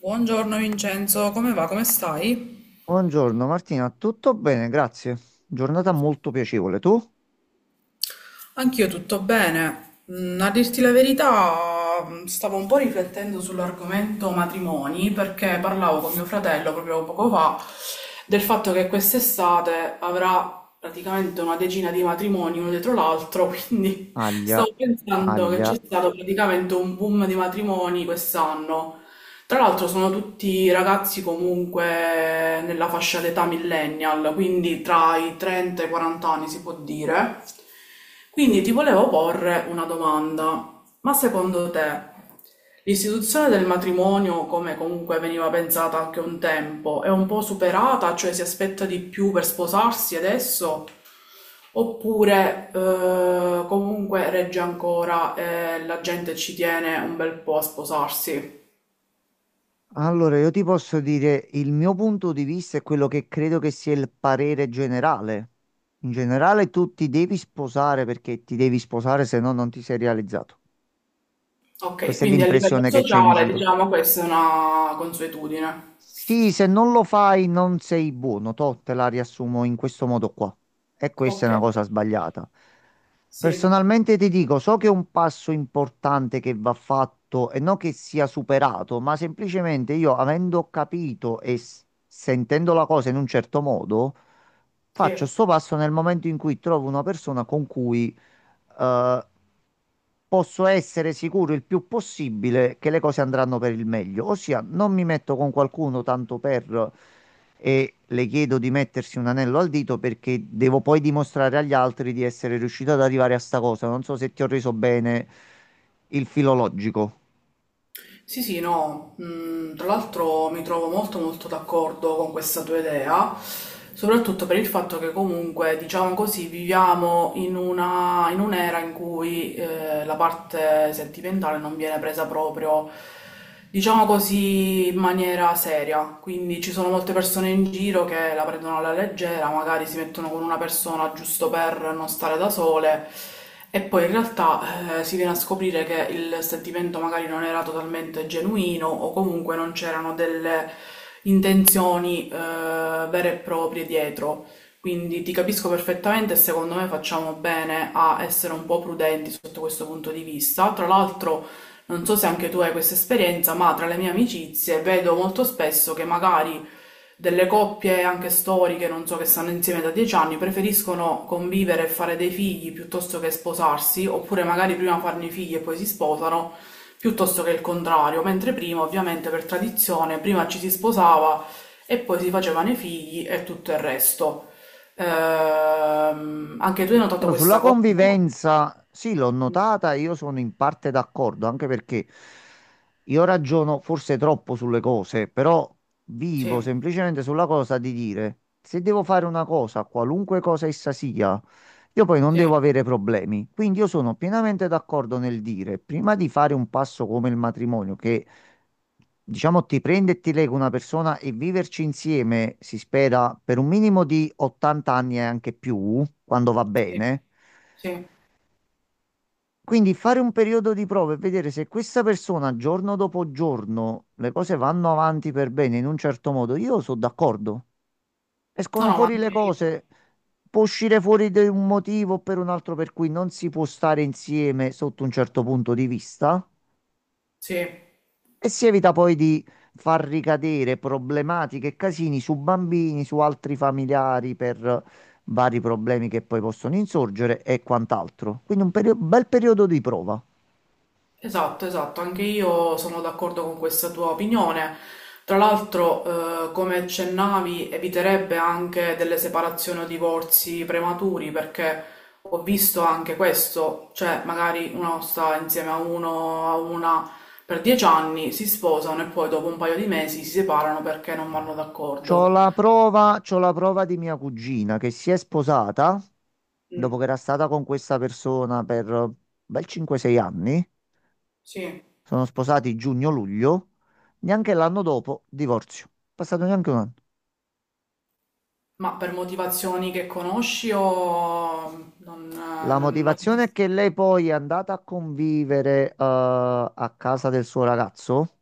Buongiorno Vincenzo, come va? Come stai? Buongiorno Martina, tutto bene, grazie. Giornata molto piacevole. Tu? Anch'io tutto bene. A dirti la verità, stavo un po' riflettendo sull'argomento matrimoni perché parlavo con mio fratello proprio poco fa del fatto che quest'estate avrà praticamente una decina di matrimoni uno dietro l'altro, quindi Aglia, stavo pensando che c'è aglia. stato praticamente un boom di matrimoni quest'anno. Tra l'altro sono tutti ragazzi comunque nella fascia d'età millennial, quindi tra i 30 e i 40 anni si può dire. Quindi ti volevo porre una domanda, ma secondo te l'istituzione del matrimonio, come comunque veniva pensata anche un tempo, è un po' superata, cioè si aspetta di più per sposarsi adesso? Oppure comunque regge ancora e la gente ci tiene un bel po' a sposarsi? Allora, io ti posso dire il mio punto di vista è quello che credo che sia il parere generale. In generale tu ti devi sposare perché ti devi sposare, se no non ti sei realizzato. Okay, Questa è quindi a livello l'impressione che c'è in sociale giro. diciamo questa è una consuetudine. Sì, se non lo fai non sei buono, toh, te la riassumo in questo modo qua. E questa è una Okay, cosa sbagliata. sì, Personalmente ti dico, so che è un passo importante che va fatto e non che sia superato, ma semplicemente io, avendo capito e sentendo la cosa in un certo modo, faccio sì. sto passo nel momento in cui trovo una persona con cui eh, posso essere sicuro il più possibile che le cose andranno per il meglio. Ossia, non mi metto con qualcuno tanto per e le chiedo di mettersi un anello al dito perché devo poi dimostrare agli altri di essere riuscito ad arrivare a sta cosa. Non so se ti ho reso bene il filologico. Sì, sì, no, mhmm, tra l'altro mi trovo molto, molto d'accordo con questa tua idea, soprattutto per il fatto che comunque, diciamo così, viviamo in una in un'era in cui, la parte sentimentale non viene presa proprio, diciamo così, in maniera seria. Quindi ci sono molte persone in giro che la prendono alla leggera, magari si mettono con una persona giusto per non stare da sole e poi in realtà si viene a scoprire che il sentimento magari non era totalmente genuino o comunque non c'erano delle intenzioni vere e proprie dietro. Quindi ti capisco perfettamente e secondo me facciamo bene a essere un po' prudenti sotto questo punto di vista. Tra l'altro, non so se anche tu hai questa esperienza, ma tra le mie amicizie vedo molto spesso che magari delle coppie anche storiche, non so, che stanno insieme da 10 anni, preferiscono convivere e fare dei figli piuttosto che sposarsi, oppure magari prima farne i figli e poi si sposano, piuttosto che il contrario, mentre prima, ovviamente, per tradizione, prima ci si sposava e poi si facevano i figli e tutto il resto. Anche tu hai notato Allora, sulla questa cosa? convivenza, sì, l'ho notata, io sono in parte d'accordo, anche perché io ragiono forse troppo sulle cose, però vivo Sì, semplicemente sulla cosa di dire, se devo fare una cosa, qualunque cosa essa sia, io poi non sì, devo avere problemi. Quindi io sono pienamente d'accordo nel dire, prima di fare un passo come il matrimonio, che diciamo, ti prende e ti lega una persona e viverci insieme, si spera, per un minimo di 80 anni e anche più, quando va sì, bene. sì. Quindi fare un periodo di prova e vedere se questa persona giorno dopo giorno le cose vanno avanti per bene in un certo modo, io sono d'accordo. No, Escono no, ma fuori le anche io. cose, può uscire fuori da un motivo o per un altro per cui non si può stare insieme sotto un certo punto di vista. Sì, E si evita poi di far ricadere problematiche e casini su bambini, su altri familiari per vari problemi che poi possono insorgere e quant'altro. Quindi un bel periodo di prova. esatto, esatto, anche io sono d'accordo con questa tua opinione. Tra l'altro, come accennavi, eviterebbe anche delle separazioni o divorzi prematuri, perché ho visto anche questo, cioè magari uno sta insieme a uno, a una per 10 anni, si sposano e poi dopo un paio di mesi si separano perché non vanno C'ho d'accordo. la prova, c'ho la prova di mia cugina che si è sposata dopo Mm, che era stata con questa persona per un bel 5-6 anni. sì, Sono sposati giugno-luglio. Neanche l'anno dopo, divorzio. Passato neanche un anno. ma per motivazioni che conosci o non, La non ti... motivazione è che lei poi è andata a convivere, a casa del suo ragazzo,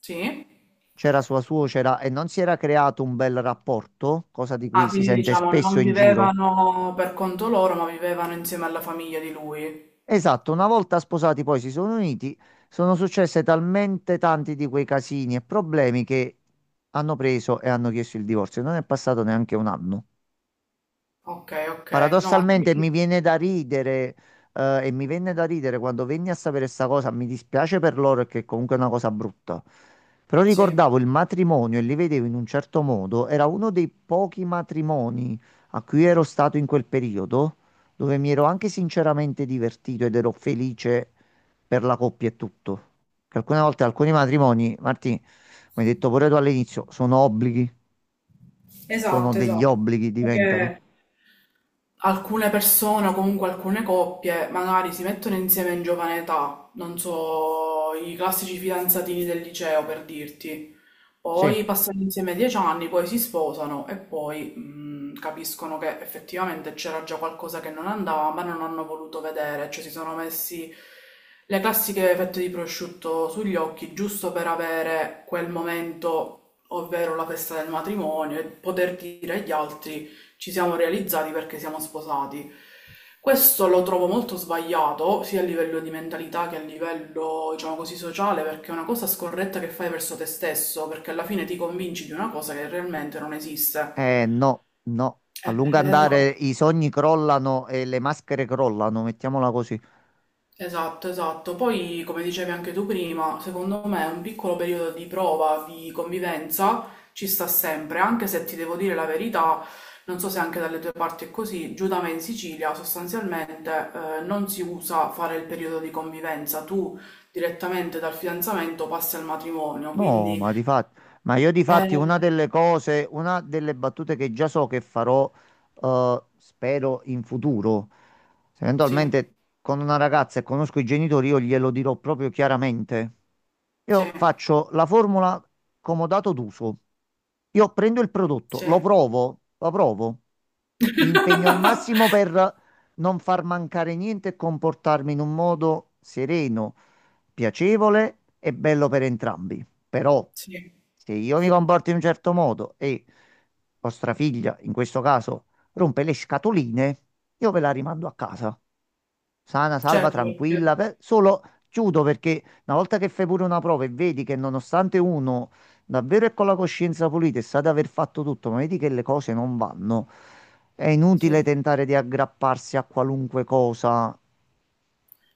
Sì? c'era sua suocera e non si era creato un bel rapporto, cosa di Ah, cui si quindi sente diciamo spesso non in giro. vivevano per conto loro, ma vivevano insieme alla famiglia di lui. Esatto, una volta sposati poi si sono uniti, sono successe talmente tanti di quei casini e problemi che hanno preso e hanno chiesto il divorzio. Non è passato neanche un anno. Ok, ok. No, anche Paradossalmente mi io. viene da ridere, e mi venne da ridere quando venni a sapere questa cosa. Mi dispiace per loro che comunque è una cosa brutta. Però Sì, ricordavo il matrimonio e li vedevo in un certo modo. Era uno dei pochi matrimoni a cui ero stato in quel periodo, dove mi ero anche sinceramente divertito ed ero felice per la coppia e tutto. Che alcune volte alcuni matrimoni, Martì, come hai detto pure tu all'inizio, sono obblighi, sono esatto, degli esatto. obblighi, diventano. Perché alcune persone o comunque alcune coppie magari si mettono insieme in giovane età, non so, i classici fidanzatini del liceo per dirti. Sì. Poi passano insieme 10 anni, poi si sposano e poi capiscono che effettivamente c'era già qualcosa che non andava, ma non hanno voluto vedere, cioè si sono messi le classiche fette di prosciutto sugli occhi giusto per avere quel momento, ovvero la festa del matrimonio, e poter dire agli altri ci siamo realizzati perché siamo sposati. Questo lo trovo molto sbagliato, sia a livello di mentalità che a livello, diciamo così, sociale, perché è una cosa scorretta che fai verso te stesso, perché alla fine ti convinci di una cosa che realmente non esiste. Eh no, no, a lungo andare Esatto. i sogni crollano e le maschere crollano, mettiamola così. Esatto, esatto. Poi, come dicevi anche tu prima, secondo me un piccolo periodo di prova, di convivenza ci sta sempre, anche se ti devo dire la verità, non so se anche dalle tue parti è così, giù da me in Sicilia sostanzialmente non si usa fare il periodo di convivenza, tu direttamente dal fidanzamento passi al matrimonio, No, quindi ma di fatti, ma io di fatti eh, una delle battute che già so che farò, spero in futuro, se sì, eventualmente con una ragazza e conosco i genitori, io glielo dirò proprio chiaramente. sì, Io faccio la formula comodato d'uso. Io prendo il prodotto, sì. Lo provo, mi impegno al massimo per non far mancare niente e comportarmi in un modo sereno, piacevole e bello per entrambi. Però Sì, se io mi comporto in un certo modo e vostra figlia, in questo caso, rompe le scatoline, io ve la rimando a casa. Sana, salva, certo tranquilla, perché solo chiudo perché una volta che fai pure una prova e vedi che nonostante uno davvero è con la coscienza pulita e sa di aver fatto tutto, ma vedi che le cose non vanno, è inutile sì. tentare di aggrapparsi a qualunque cosa.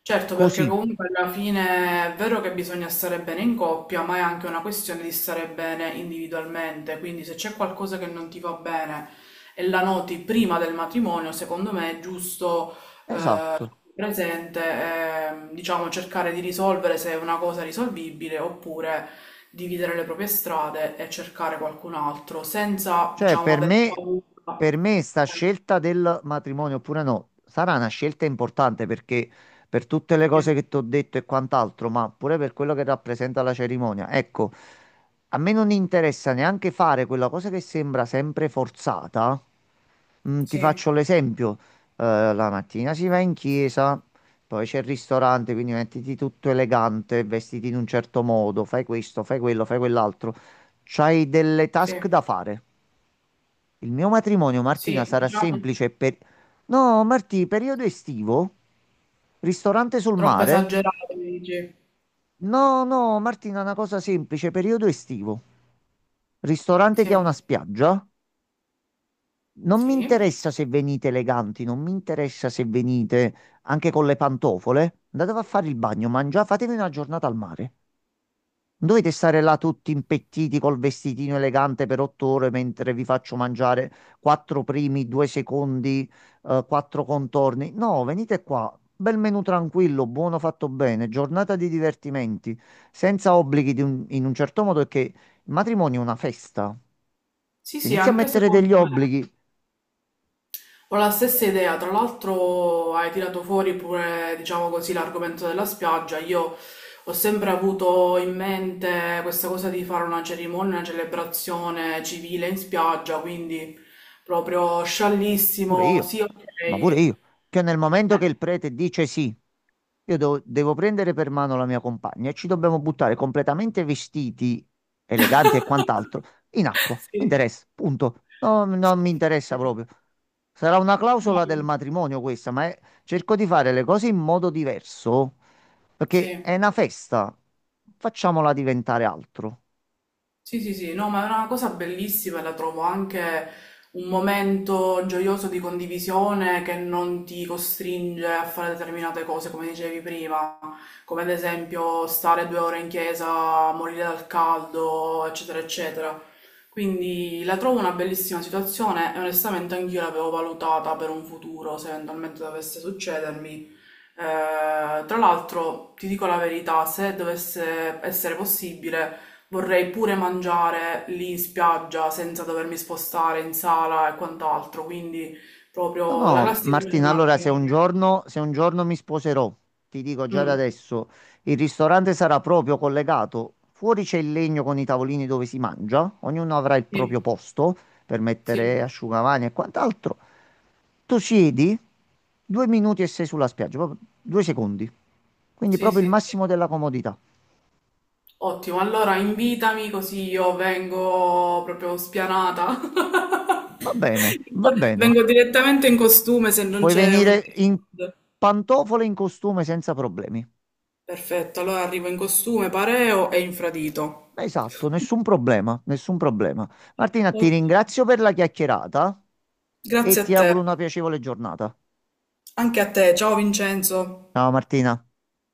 Certo, perché Così, comunque alla fine è vero che bisogna stare bene in coppia, ma è anche una questione di stare bene individualmente. Quindi se c'è qualcosa che non ti va bene e la noti prima del matrimonio, secondo me è giusto eh, esatto. presente, e, diciamo, cercare di risolvere se è una cosa risolvibile oppure dividere le proprie strade e cercare qualcun altro senza, Cioè, diciamo, avere paura. per me sta scelta del matrimonio oppure no, sarà una scelta importante perché per tutte le Eh, cose che ti ho detto e quant'altro, ma pure per quello che rappresenta la cerimonia. Ecco, a me non interessa neanche fare quella cosa che sembra sempre forzata. Ti Sì, faccio l'esempio. La mattina si va in chiesa, poi c'è il ristorante, quindi mettiti tutto elegante, vestiti in un certo modo, fai questo, fai quello, fai quell'altro. C'hai delle task sì, da fare. Il mio matrimonio, sì, Martina, sì, sarà diciamo. semplice per... No, Martì, periodo estivo? Ristorante sul Troppo mare? esagerato, dici? No, no, Martina, una cosa semplice, periodo estivo. Ristorante Sì, che ha una spiaggia? Non mi sì. interessa se venite eleganti, non mi interessa se venite anche con le pantofole. Andate a fare il bagno, mangiate, fatevi una giornata al mare. Non dovete stare là tutti impettiti col vestitino elegante per 8 ore mentre vi faccio mangiare quattro primi, due secondi, quattro contorni. No, venite qua. Bel menù tranquillo, buono fatto bene, giornata di divertimenti, senza obblighi di in un certo modo, perché il matrimonio è una festa. Sì, Se sì, inizi a anche mettere degli secondo me. obblighi, Ho la stessa idea. Tra l'altro hai tirato fuori pure, diciamo così, l'argomento della spiaggia. Io ho sempre avuto in mente questa cosa di fare una cerimonia, una celebrazione civile in spiaggia, quindi proprio pure sciallissimo. io, Sì, ok. ma pure io. Cioè, nel momento che il prete dice sì, io devo prendere per mano la mia compagna e ci dobbiamo buttare completamente vestiti, eleganti e quant'altro, in acqua. Mi Sì, interessa, punto. No, non mi interessa sì, proprio. Sarà una clausola del sì. matrimonio questa, ma cerco di fare le cose in modo diverso, perché Sì. è una festa. Facciamola diventare altro. Sì, sì, sì, no, ma è una cosa bellissima, e la trovo anche un momento gioioso di condivisione che non ti costringe a fare determinate cose, come dicevi prima, come ad esempio stare 2 ore in chiesa, morire dal caldo, eccetera, eccetera. Quindi la trovo una bellissima situazione e onestamente anch'io l'avevo valutata per un futuro, se eventualmente dovesse succedermi tra l'altro, ti dico la verità, se dovesse essere possibile, vorrei pure mangiare lì in spiaggia senza dovermi spostare in sala e quant'altro, quindi No, proprio la no, classica Martina, giornata. allora se un giorno, se un giorno mi sposerò, ti dico già da Mm, adesso, il ristorante sarà proprio collegato. Fuori c'è il legno con i tavolini dove si mangia, ognuno avrà il sì, proprio posto per sì, mettere asciugamani e quant'altro. Tu siedi, 2 minuti e sei sulla spiaggia, proprio 2 secondi. Quindi sì, proprio il sì, sì. massimo della comodità. Ottimo, allora invitami così io vengo proprio spianata. Va bene, va bene. Vengo direttamente in costume se non Puoi c'è un... venire in pantofole e in costume senza problemi. Perfetto, allora arrivo in costume, pareo e infradito. Esatto, nessun problema, nessun problema. Martina, ti Ok, ringrazio per la chiacchierata e grazie a ti auguro te. una piacevole giornata. Anche a te. Ciao Vincenzo. Ciao Martina.